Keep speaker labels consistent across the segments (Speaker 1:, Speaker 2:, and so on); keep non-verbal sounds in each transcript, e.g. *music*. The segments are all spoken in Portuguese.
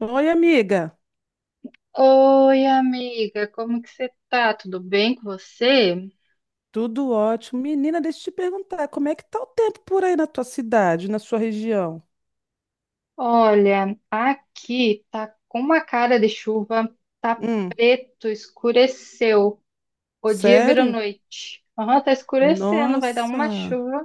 Speaker 1: Oi, amiga.
Speaker 2: Oi, amiga, como que você tá? Tudo bem com você?
Speaker 1: Tudo ótimo. Menina, deixa eu te perguntar, como é que tá o tempo por aí na tua cidade, na sua região?
Speaker 2: Olha, aqui tá com uma cara de chuva, tá
Speaker 1: Hum,
Speaker 2: preto, escureceu. O dia virou
Speaker 1: sério?
Speaker 2: noite. Aham, tá escurecendo, vai dar uma
Speaker 1: Nossa.
Speaker 2: chuva.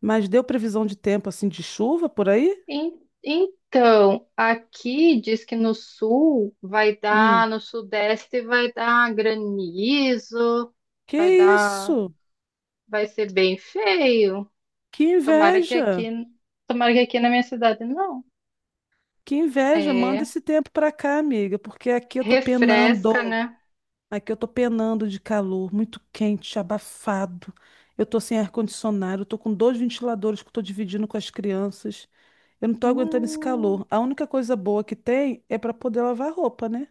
Speaker 1: Mas deu previsão de tempo assim de chuva por aí?
Speaker 2: Então, aqui diz que no sul vai dar,
Speaker 1: Hum,
Speaker 2: no sudeste vai dar granizo, vai
Speaker 1: que
Speaker 2: dar,
Speaker 1: isso?
Speaker 2: vai ser bem feio.
Speaker 1: Que
Speaker 2: Tomara que aqui,
Speaker 1: inveja.
Speaker 2: tomara que aqui na minha cidade não.
Speaker 1: Que inveja. Manda
Speaker 2: É,
Speaker 1: esse tempo pra cá, amiga, porque aqui eu tô
Speaker 2: refresca,
Speaker 1: penando.
Speaker 2: né?
Speaker 1: Aqui eu tô penando de calor, muito quente, abafado. Eu tô sem ar-condicionado, eu tô com dois ventiladores que eu tô dividindo com as crianças. Eu não tô aguentando esse
Speaker 2: Hum,
Speaker 1: calor. A única coisa boa que tem é para poder lavar roupa, né?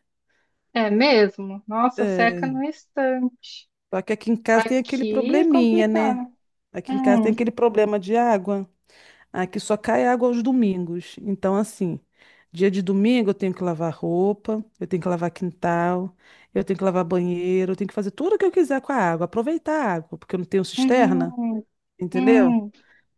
Speaker 2: é mesmo? Nossa, seca
Speaker 1: É,
Speaker 2: no instante.
Speaker 1: só que aqui em casa tem aquele
Speaker 2: Aqui é
Speaker 1: probleminha, né?
Speaker 2: complicado.
Speaker 1: Aqui em casa tem
Speaker 2: Hum,
Speaker 1: aquele problema de água. Aqui só cai água aos domingos. Então, assim, dia de domingo eu tenho que lavar roupa, eu tenho que lavar quintal, eu tenho que lavar banheiro, eu tenho que fazer tudo o que eu quiser com a água, aproveitar a água, porque eu não tenho cisterna,
Speaker 2: uhum,
Speaker 1: entendeu?
Speaker 2: hum,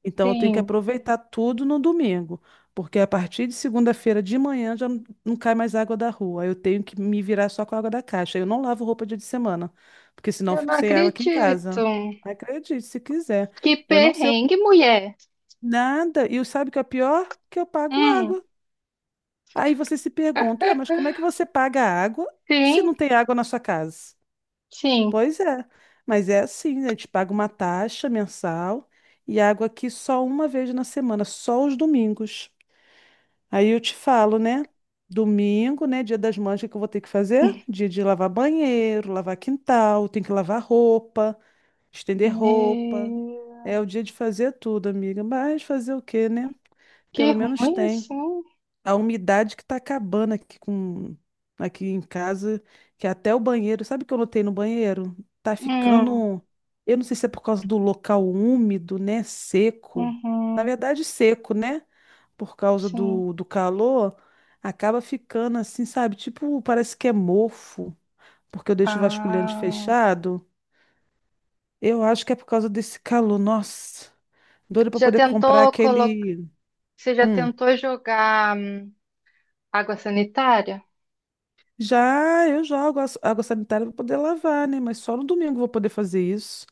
Speaker 1: Então, eu tenho que
Speaker 2: sim.
Speaker 1: aproveitar tudo no domingo, porque a partir de segunda-feira de manhã já não cai mais água da rua. Eu tenho que me virar só com a água da caixa. Eu não lavo roupa dia de semana, porque senão eu
Speaker 2: Eu
Speaker 1: fico
Speaker 2: não
Speaker 1: sem água aqui em
Speaker 2: acredito.
Speaker 1: casa. Acredite, se quiser.
Speaker 2: Que
Speaker 1: Eu não sei.
Speaker 2: perrengue, mulher.
Speaker 1: Nada. E sabe o que é pior? Que eu pago
Speaker 2: Hum,
Speaker 1: água. Aí você se pergunta, ué, mas como é que você paga água se
Speaker 2: sim,
Speaker 1: não tem água na sua casa?
Speaker 2: sim.
Speaker 1: Pois é. Mas é assim, né? A gente paga uma taxa mensal e água aqui só uma vez na semana, só os domingos. Aí eu te falo, né? Domingo, né? Dia das Mães, o que que eu vou ter que fazer? Dia de lavar banheiro, lavar quintal, tem que lavar roupa, estender roupa.
Speaker 2: Meu,
Speaker 1: É o dia de fazer tudo, amiga. Mas fazer o quê, né?
Speaker 2: que
Speaker 1: Pelo menos
Speaker 2: ruim
Speaker 1: tem.
Speaker 2: assim.
Speaker 1: A umidade que tá acabando aqui com aqui em casa, que até o banheiro, sabe o que eu notei no banheiro? Tá
Speaker 2: Hum,
Speaker 1: ficando, eu não sei se é por causa do local úmido, né, seco. Na
Speaker 2: uhum,
Speaker 1: verdade, seco, né? Por causa
Speaker 2: sim.
Speaker 1: do calor, acaba ficando assim, sabe? Tipo, parece que é mofo, porque eu deixo o vasculhante
Speaker 2: Ah,
Speaker 1: fechado. Eu acho que é por causa desse calor. Nossa, doido pra
Speaker 2: já
Speaker 1: poder comprar
Speaker 2: tentou colocar?
Speaker 1: aquele.
Speaker 2: Você já
Speaker 1: Hum.
Speaker 2: tentou jogar água sanitária?
Speaker 1: Já eu jogo água sanitária para poder lavar, né? Mas só no domingo eu vou poder fazer isso.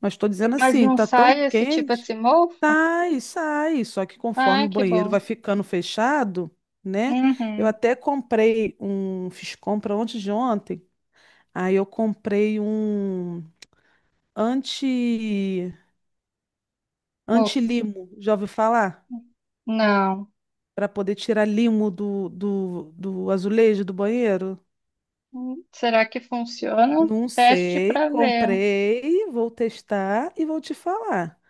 Speaker 1: Mas estou dizendo
Speaker 2: Mas
Speaker 1: assim,
Speaker 2: não
Speaker 1: tá tão
Speaker 2: sai esse tipo
Speaker 1: quente,
Speaker 2: assim, mofo?
Speaker 1: sai, sai. Só que conforme
Speaker 2: Ah,
Speaker 1: o
Speaker 2: que
Speaker 1: banheiro
Speaker 2: bom.
Speaker 1: vai ficando fechado, né? Eu
Speaker 2: Uhum.
Speaker 1: até comprei um, fiz compra ontem de ontem. Aí eu comprei um anti
Speaker 2: Mofo.
Speaker 1: anti-limo, já ouviu falar?
Speaker 2: Não.
Speaker 1: Para poder tirar limo do azulejo do banheiro.
Speaker 2: Será que funciona?
Speaker 1: Não
Speaker 2: Teste
Speaker 1: sei,
Speaker 2: para ver.
Speaker 1: comprei, vou testar e vou te falar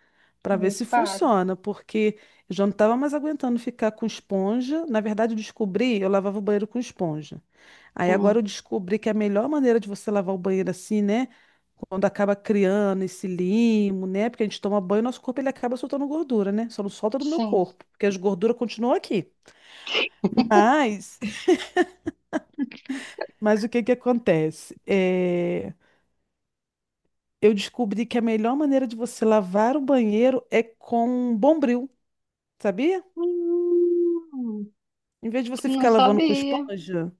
Speaker 1: para ver
Speaker 2: Me
Speaker 1: se
Speaker 2: pare.
Speaker 1: funciona, porque eu já não estava mais aguentando ficar com esponja. Na verdade, eu descobri, eu lavava o banheiro com esponja. Aí agora eu
Speaker 2: Hum,
Speaker 1: descobri que é a melhor maneira de você lavar o banheiro assim, né? Quando acaba criando esse limo, né? Porque a gente toma banho, nosso corpo ele acaba soltando gordura, né? Só não solta do meu
Speaker 2: sim.
Speaker 1: corpo, porque as gorduras continuam aqui. Mas, *laughs* mas o que que acontece? Eu descobri que a melhor maneira de você lavar o banheiro é com bombril, sabia?
Speaker 2: Hum,
Speaker 1: Em vez de você
Speaker 2: não
Speaker 1: ficar lavando com
Speaker 2: sabia.
Speaker 1: esponja,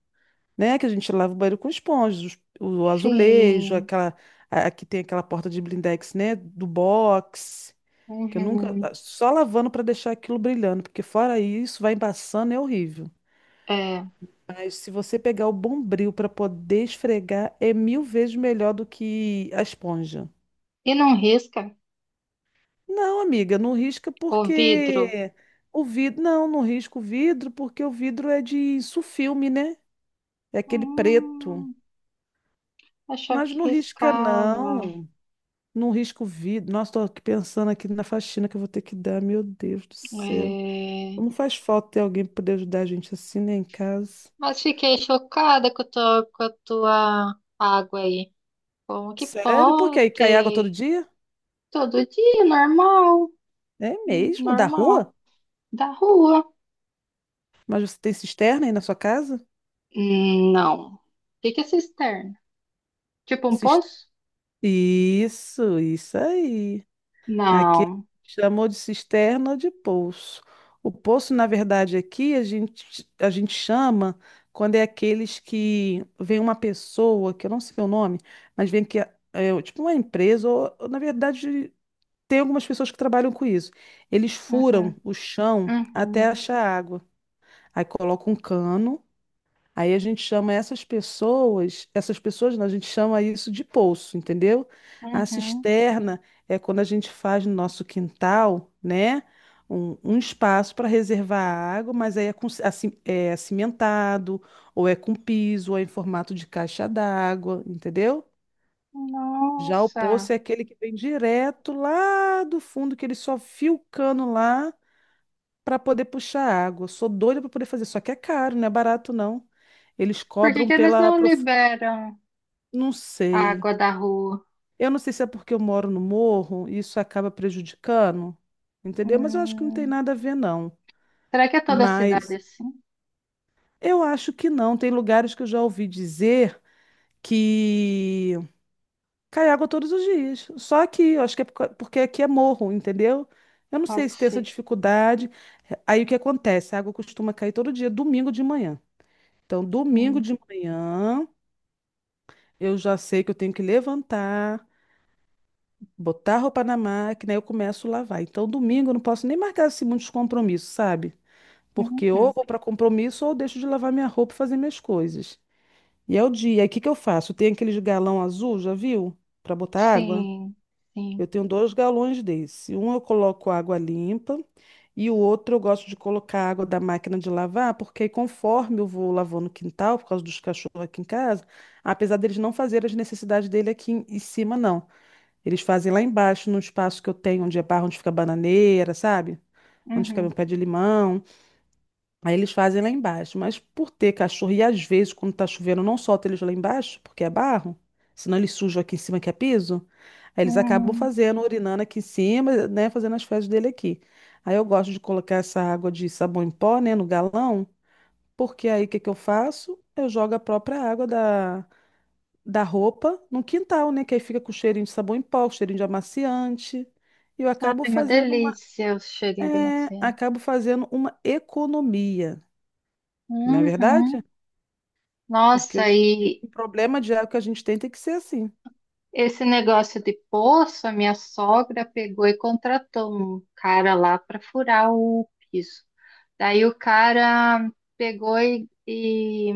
Speaker 1: né? Que a gente lava o banheiro com esponja, o azulejo,
Speaker 2: Sim.
Speaker 1: aquela, aqui tem aquela porta de blindex, né? Do box, que eu nunca,
Speaker 2: Uhum.
Speaker 1: ah, só lavando para deixar aquilo brilhando, porque fora isso, vai embaçando, é horrível.
Speaker 2: É.
Speaker 1: Mas se você pegar o bombril para poder esfregar, é mil vezes melhor do que a esponja.
Speaker 2: E não risca
Speaker 1: Não, amiga, não risca
Speaker 2: o vidro?
Speaker 1: porque o vidro. Não risca o vidro porque o vidro é de sulfilme, né? É aquele preto.
Speaker 2: Hum, achava
Speaker 1: Mas não
Speaker 2: que
Speaker 1: risca,
Speaker 2: riscava.
Speaker 1: não. Não risca o vidro. Nossa, tô aqui pensando aqui na faxina que eu vou ter que dar. Meu Deus do céu.
Speaker 2: É.
Speaker 1: Como faz falta ter alguém para poder ajudar a gente assim, né, em casa?
Speaker 2: Mas fiquei chocada com a tua água aí. Como que
Speaker 1: Sério? Por quê? Aí cai água todo
Speaker 2: pode?
Speaker 1: dia?
Speaker 2: Todo dia, normal.
Speaker 1: É
Speaker 2: Hum,
Speaker 1: mesmo? Da rua?
Speaker 2: normal. Da rua.
Speaker 1: Mas você tem cisterna aí na sua casa?
Speaker 2: Não. O que que é cisterna? Tipo um
Speaker 1: Cis-
Speaker 2: poço?
Speaker 1: Isso, isso aí. Aqui
Speaker 2: Não.
Speaker 1: chamou de cisterna de poço. O poço, na verdade, aqui a gente chama quando é aqueles que vem uma pessoa, que eu não sei o nome, mas vem que é, é tipo uma empresa, ou, na verdade tem algumas pessoas que trabalham com isso. Eles furam
Speaker 2: Uhum,
Speaker 1: o chão até
Speaker 2: uhum,
Speaker 1: achar água. Aí colocam um cano. Aí a gente chama essas pessoas, não, a gente chama isso de poço, entendeu? A
Speaker 2: uhum.
Speaker 1: cisterna é quando a gente faz no nosso quintal, né? Um espaço para reservar a água, mas aí é, com, assim, é cimentado, ou é com piso, ou é em formato de caixa d'água, entendeu? Já o poço
Speaker 2: Nossa.
Speaker 1: é aquele que vem direto lá do fundo, que ele só fia o cano lá para poder puxar água. Eu sou doida para poder fazer, só que é caro, não é barato não. Eles
Speaker 2: Por que
Speaker 1: cobram
Speaker 2: que eles
Speaker 1: pela
Speaker 2: não liberam
Speaker 1: não
Speaker 2: a
Speaker 1: sei.
Speaker 2: água da rua?
Speaker 1: Eu não sei se é porque eu moro no morro e isso acaba prejudicando, entendeu? Mas eu acho que não tem
Speaker 2: Hum,
Speaker 1: nada a ver não.
Speaker 2: será que é toda a cidade
Speaker 1: Mas
Speaker 2: assim?
Speaker 1: eu acho que não. Tem lugares que eu já ouvi dizer que cai água todos os dias. Só aqui, eu acho que é por porque aqui é morro, entendeu? Eu não sei
Speaker 2: Pode
Speaker 1: se tem essa
Speaker 2: ser.
Speaker 1: dificuldade. Aí o que acontece? A água costuma cair todo dia, domingo de manhã. Então, domingo
Speaker 2: Hum,
Speaker 1: de manhã, eu já sei que eu tenho que levantar, botar a roupa na máquina, aí eu começo a lavar. Então, domingo eu não posso nem marcar assim muitos compromissos, sabe? Porque ou
Speaker 2: uhum.
Speaker 1: vou para compromisso ou eu deixo de lavar minha roupa e fazer minhas coisas. E é o dia. Aí o que que eu faço? Tem aqueles galão azul, já viu? Para botar água?
Speaker 2: Sim, sim.
Speaker 1: Eu tenho dois galões desse. Um eu coloco água limpa e o outro eu gosto de colocar água da máquina de lavar, porque aí conforme eu vou lavando o quintal, por causa dos cachorros aqui em casa, apesar deles não fazerem as necessidades dele aqui em cima, não. Eles fazem lá embaixo, no espaço que eu tenho, onde é barro, onde fica a bananeira, sabe? Onde fica meu
Speaker 2: Uhum,
Speaker 1: pé de limão. Aí eles fazem lá embaixo. Mas por ter cachorro, e às vezes, quando tá chovendo, não solta eles lá embaixo, porque é barro, senão eles sujam aqui em cima que é piso. Aí eles acabam
Speaker 2: uhum.
Speaker 1: fazendo, urinando aqui em cima, né? Fazendo as fezes dele aqui. Aí eu gosto de colocar essa água de sabão em pó, né, no galão, porque aí o que que eu faço? Eu jogo a própria água da roupa no quintal, né? Que aí fica com cheirinho de sabão em pó, cheirinho de amaciante. E eu
Speaker 2: Ai,
Speaker 1: acabo
Speaker 2: uma
Speaker 1: fazendo
Speaker 2: delícia o cheirinho de macia.
Speaker 1: acabo fazendo uma economia, não é verdade?
Speaker 2: Uhum.
Speaker 1: Porque
Speaker 2: Nossa,
Speaker 1: hoje em dia,
Speaker 2: e
Speaker 1: o problema de água que a gente tem tem que ser assim.
Speaker 2: esse negócio de poço, a minha sogra pegou e contratou um cara lá para furar o piso. Daí o cara pegou e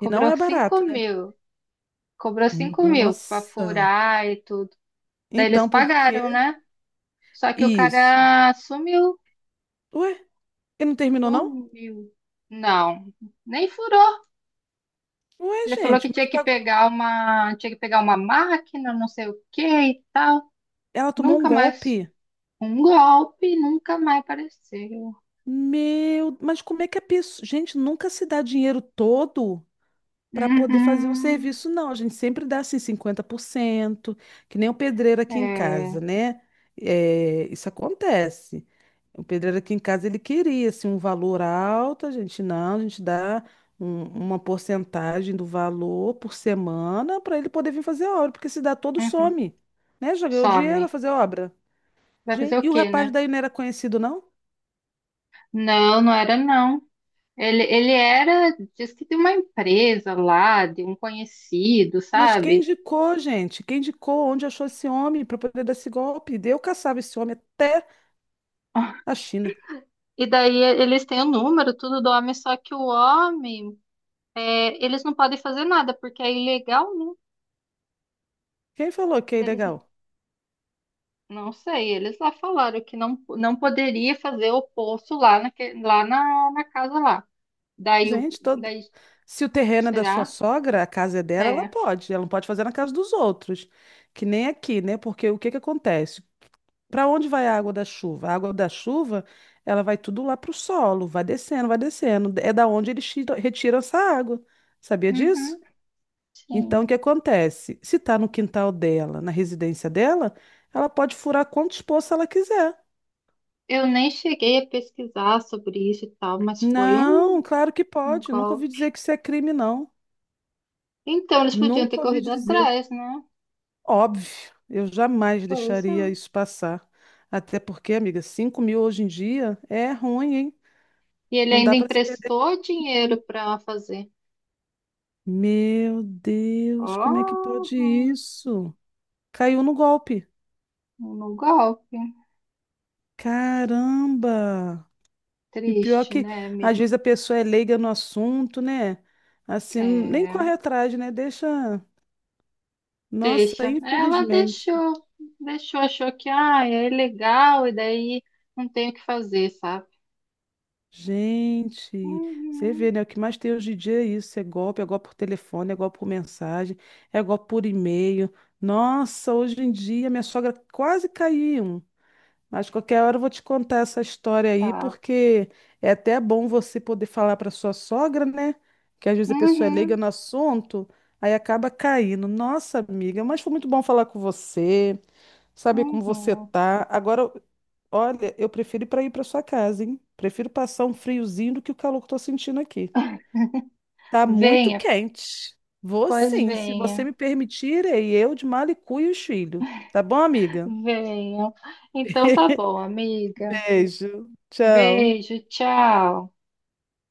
Speaker 1: E não é
Speaker 2: 5
Speaker 1: barato, né?
Speaker 2: mil. Cobrou cinco mil para
Speaker 1: Nossa.
Speaker 2: furar e tudo. Daí eles
Speaker 1: Então, por
Speaker 2: pagaram,
Speaker 1: que
Speaker 2: né? Só que o
Speaker 1: isso?
Speaker 2: cara sumiu.
Speaker 1: Ué, ele não terminou, não?
Speaker 2: Sumiu. Não, nem furou.
Speaker 1: Ué,
Speaker 2: Ele falou
Speaker 1: gente,
Speaker 2: que
Speaker 1: mas
Speaker 2: tinha que
Speaker 1: pagou.
Speaker 2: pegar uma, tinha que pegar uma máquina, não sei o que e tal.
Speaker 1: Ela tomou um
Speaker 2: Nunca mais
Speaker 1: golpe.
Speaker 2: Um golpe e nunca mais apareceu.
Speaker 1: Meu, mas como é que a pessoa. Gente, nunca se dá dinheiro todo para poder fazer um
Speaker 2: Uhum.
Speaker 1: serviço, não. A gente sempre dá assim 50% que nem o pedreiro aqui em
Speaker 2: É.
Speaker 1: casa, né? É, isso acontece. O pedreiro aqui em casa, ele queria, assim, um valor alto, a gente não, a gente dá uma porcentagem do valor por semana para ele poder vir fazer a obra, porque se dá todo,
Speaker 2: Uhum.
Speaker 1: some, né? Já ganhou dinheiro
Speaker 2: Some.
Speaker 1: vai fazer obra.
Speaker 2: Vai
Speaker 1: Gente,
Speaker 2: fazer o
Speaker 1: e o
Speaker 2: quê,
Speaker 1: rapaz
Speaker 2: né?
Speaker 1: daí não era conhecido, não?
Speaker 2: Não, não era não. Ele era, diz que de uma empresa lá, de um conhecido,
Speaker 1: Mas quem
Speaker 2: sabe?
Speaker 1: indicou, gente? Quem indicou onde achou esse homem para poder dar esse golpe? Eu caçava esse homem até a China.
Speaker 2: E daí eles têm o número, tudo do homem, só que o homem, é, eles não podem fazer nada, porque é ilegal, né?
Speaker 1: Quem falou que é
Speaker 2: Eles,
Speaker 1: ilegal?
Speaker 2: não sei, eles lá falaram que não, não poderia fazer o poço lá, na casa lá. Daí,
Speaker 1: Gente,
Speaker 2: daí
Speaker 1: se o terreno é da sua
Speaker 2: será?
Speaker 1: sogra, a casa é dela, ela
Speaker 2: É.
Speaker 1: pode. Ela não pode fazer na casa dos outros, que nem aqui, né? Porque o que que acontece? Para onde vai a água da chuva? A água da chuva, ela vai tudo lá para o solo, vai descendo, vai descendo. É da onde eles retiram essa água. Sabia disso?
Speaker 2: Uhum.
Speaker 1: Então, o
Speaker 2: Sim.
Speaker 1: que acontece? Se está no quintal dela, na residência dela, ela pode furar quantos poços ela quiser.
Speaker 2: Eu nem cheguei a pesquisar sobre isso e tal, mas foi
Speaker 1: Não,
Speaker 2: um,
Speaker 1: claro que
Speaker 2: um
Speaker 1: pode. Nunca ouvi
Speaker 2: golpe.
Speaker 1: dizer que isso é crime, não.
Speaker 2: Então, eles podiam ter
Speaker 1: Nunca ouvi
Speaker 2: corrido
Speaker 1: dizer.
Speaker 2: atrás, né?
Speaker 1: Óbvio, eu jamais
Speaker 2: Pois é.
Speaker 1: deixaria isso passar. Até porque, amiga, 5.000 hoje em dia é ruim, hein?
Speaker 2: E ele
Speaker 1: Não dá
Speaker 2: ainda
Speaker 1: para se perder.
Speaker 2: emprestou dinheiro
Speaker 1: Não.
Speaker 2: para fazer.
Speaker 1: Meu Deus, como é que pode
Speaker 2: Oh,
Speaker 1: isso? Caiu no golpe.
Speaker 2: no golpe.
Speaker 1: Caramba! E pior
Speaker 2: Triste,
Speaker 1: que,
Speaker 2: né,
Speaker 1: às
Speaker 2: amiga?
Speaker 1: vezes, a pessoa é leiga no assunto, né? Assim, nem
Speaker 2: É,
Speaker 1: corre atrás, né? Deixa. Nossa,
Speaker 2: deixa. Ela
Speaker 1: infelizmente.
Speaker 2: deixou, deixou, achou que ah, é legal e daí não tem o que fazer, sabe?
Speaker 1: Gente, você
Speaker 2: Uhum,
Speaker 1: vê, né? O que mais tem hoje em dia é isso. É golpe por telefone, é golpe por mensagem, é golpe por e-mail. Nossa, hoje em dia minha sogra quase caiu em um. Mas qualquer hora eu vou te contar essa história aí,
Speaker 2: tá.
Speaker 1: porque é até bom você poder falar para sua sogra, né? Que às vezes a pessoa é leiga
Speaker 2: Uhum,
Speaker 1: no assunto, aí acaba caindo. Nossa, amiga, mas foi muito bom falar com você, saber como você
Speaker 2: uhum.
Speaker 1: tá. Agora olha, eu prefiro ir para sua casa, hein? Prefiro passar um friozinho do que o calor que eu tô sentindo aqui. Tá muito
Speaker 2: Venha,
Speaker 1: quente. Vou
Speaker 2: pois
Speaker 1: sim, se você
Speaker 2: venha,
Speaker 1: me permitir, irei eu de mala e cuia e os filhos. Tá bom, amiga?
Speaker 2: venha. Então tá bom, amiga.
Speaker 1: Beijo. Tchau.
Speaker 2: Beijo, tchau.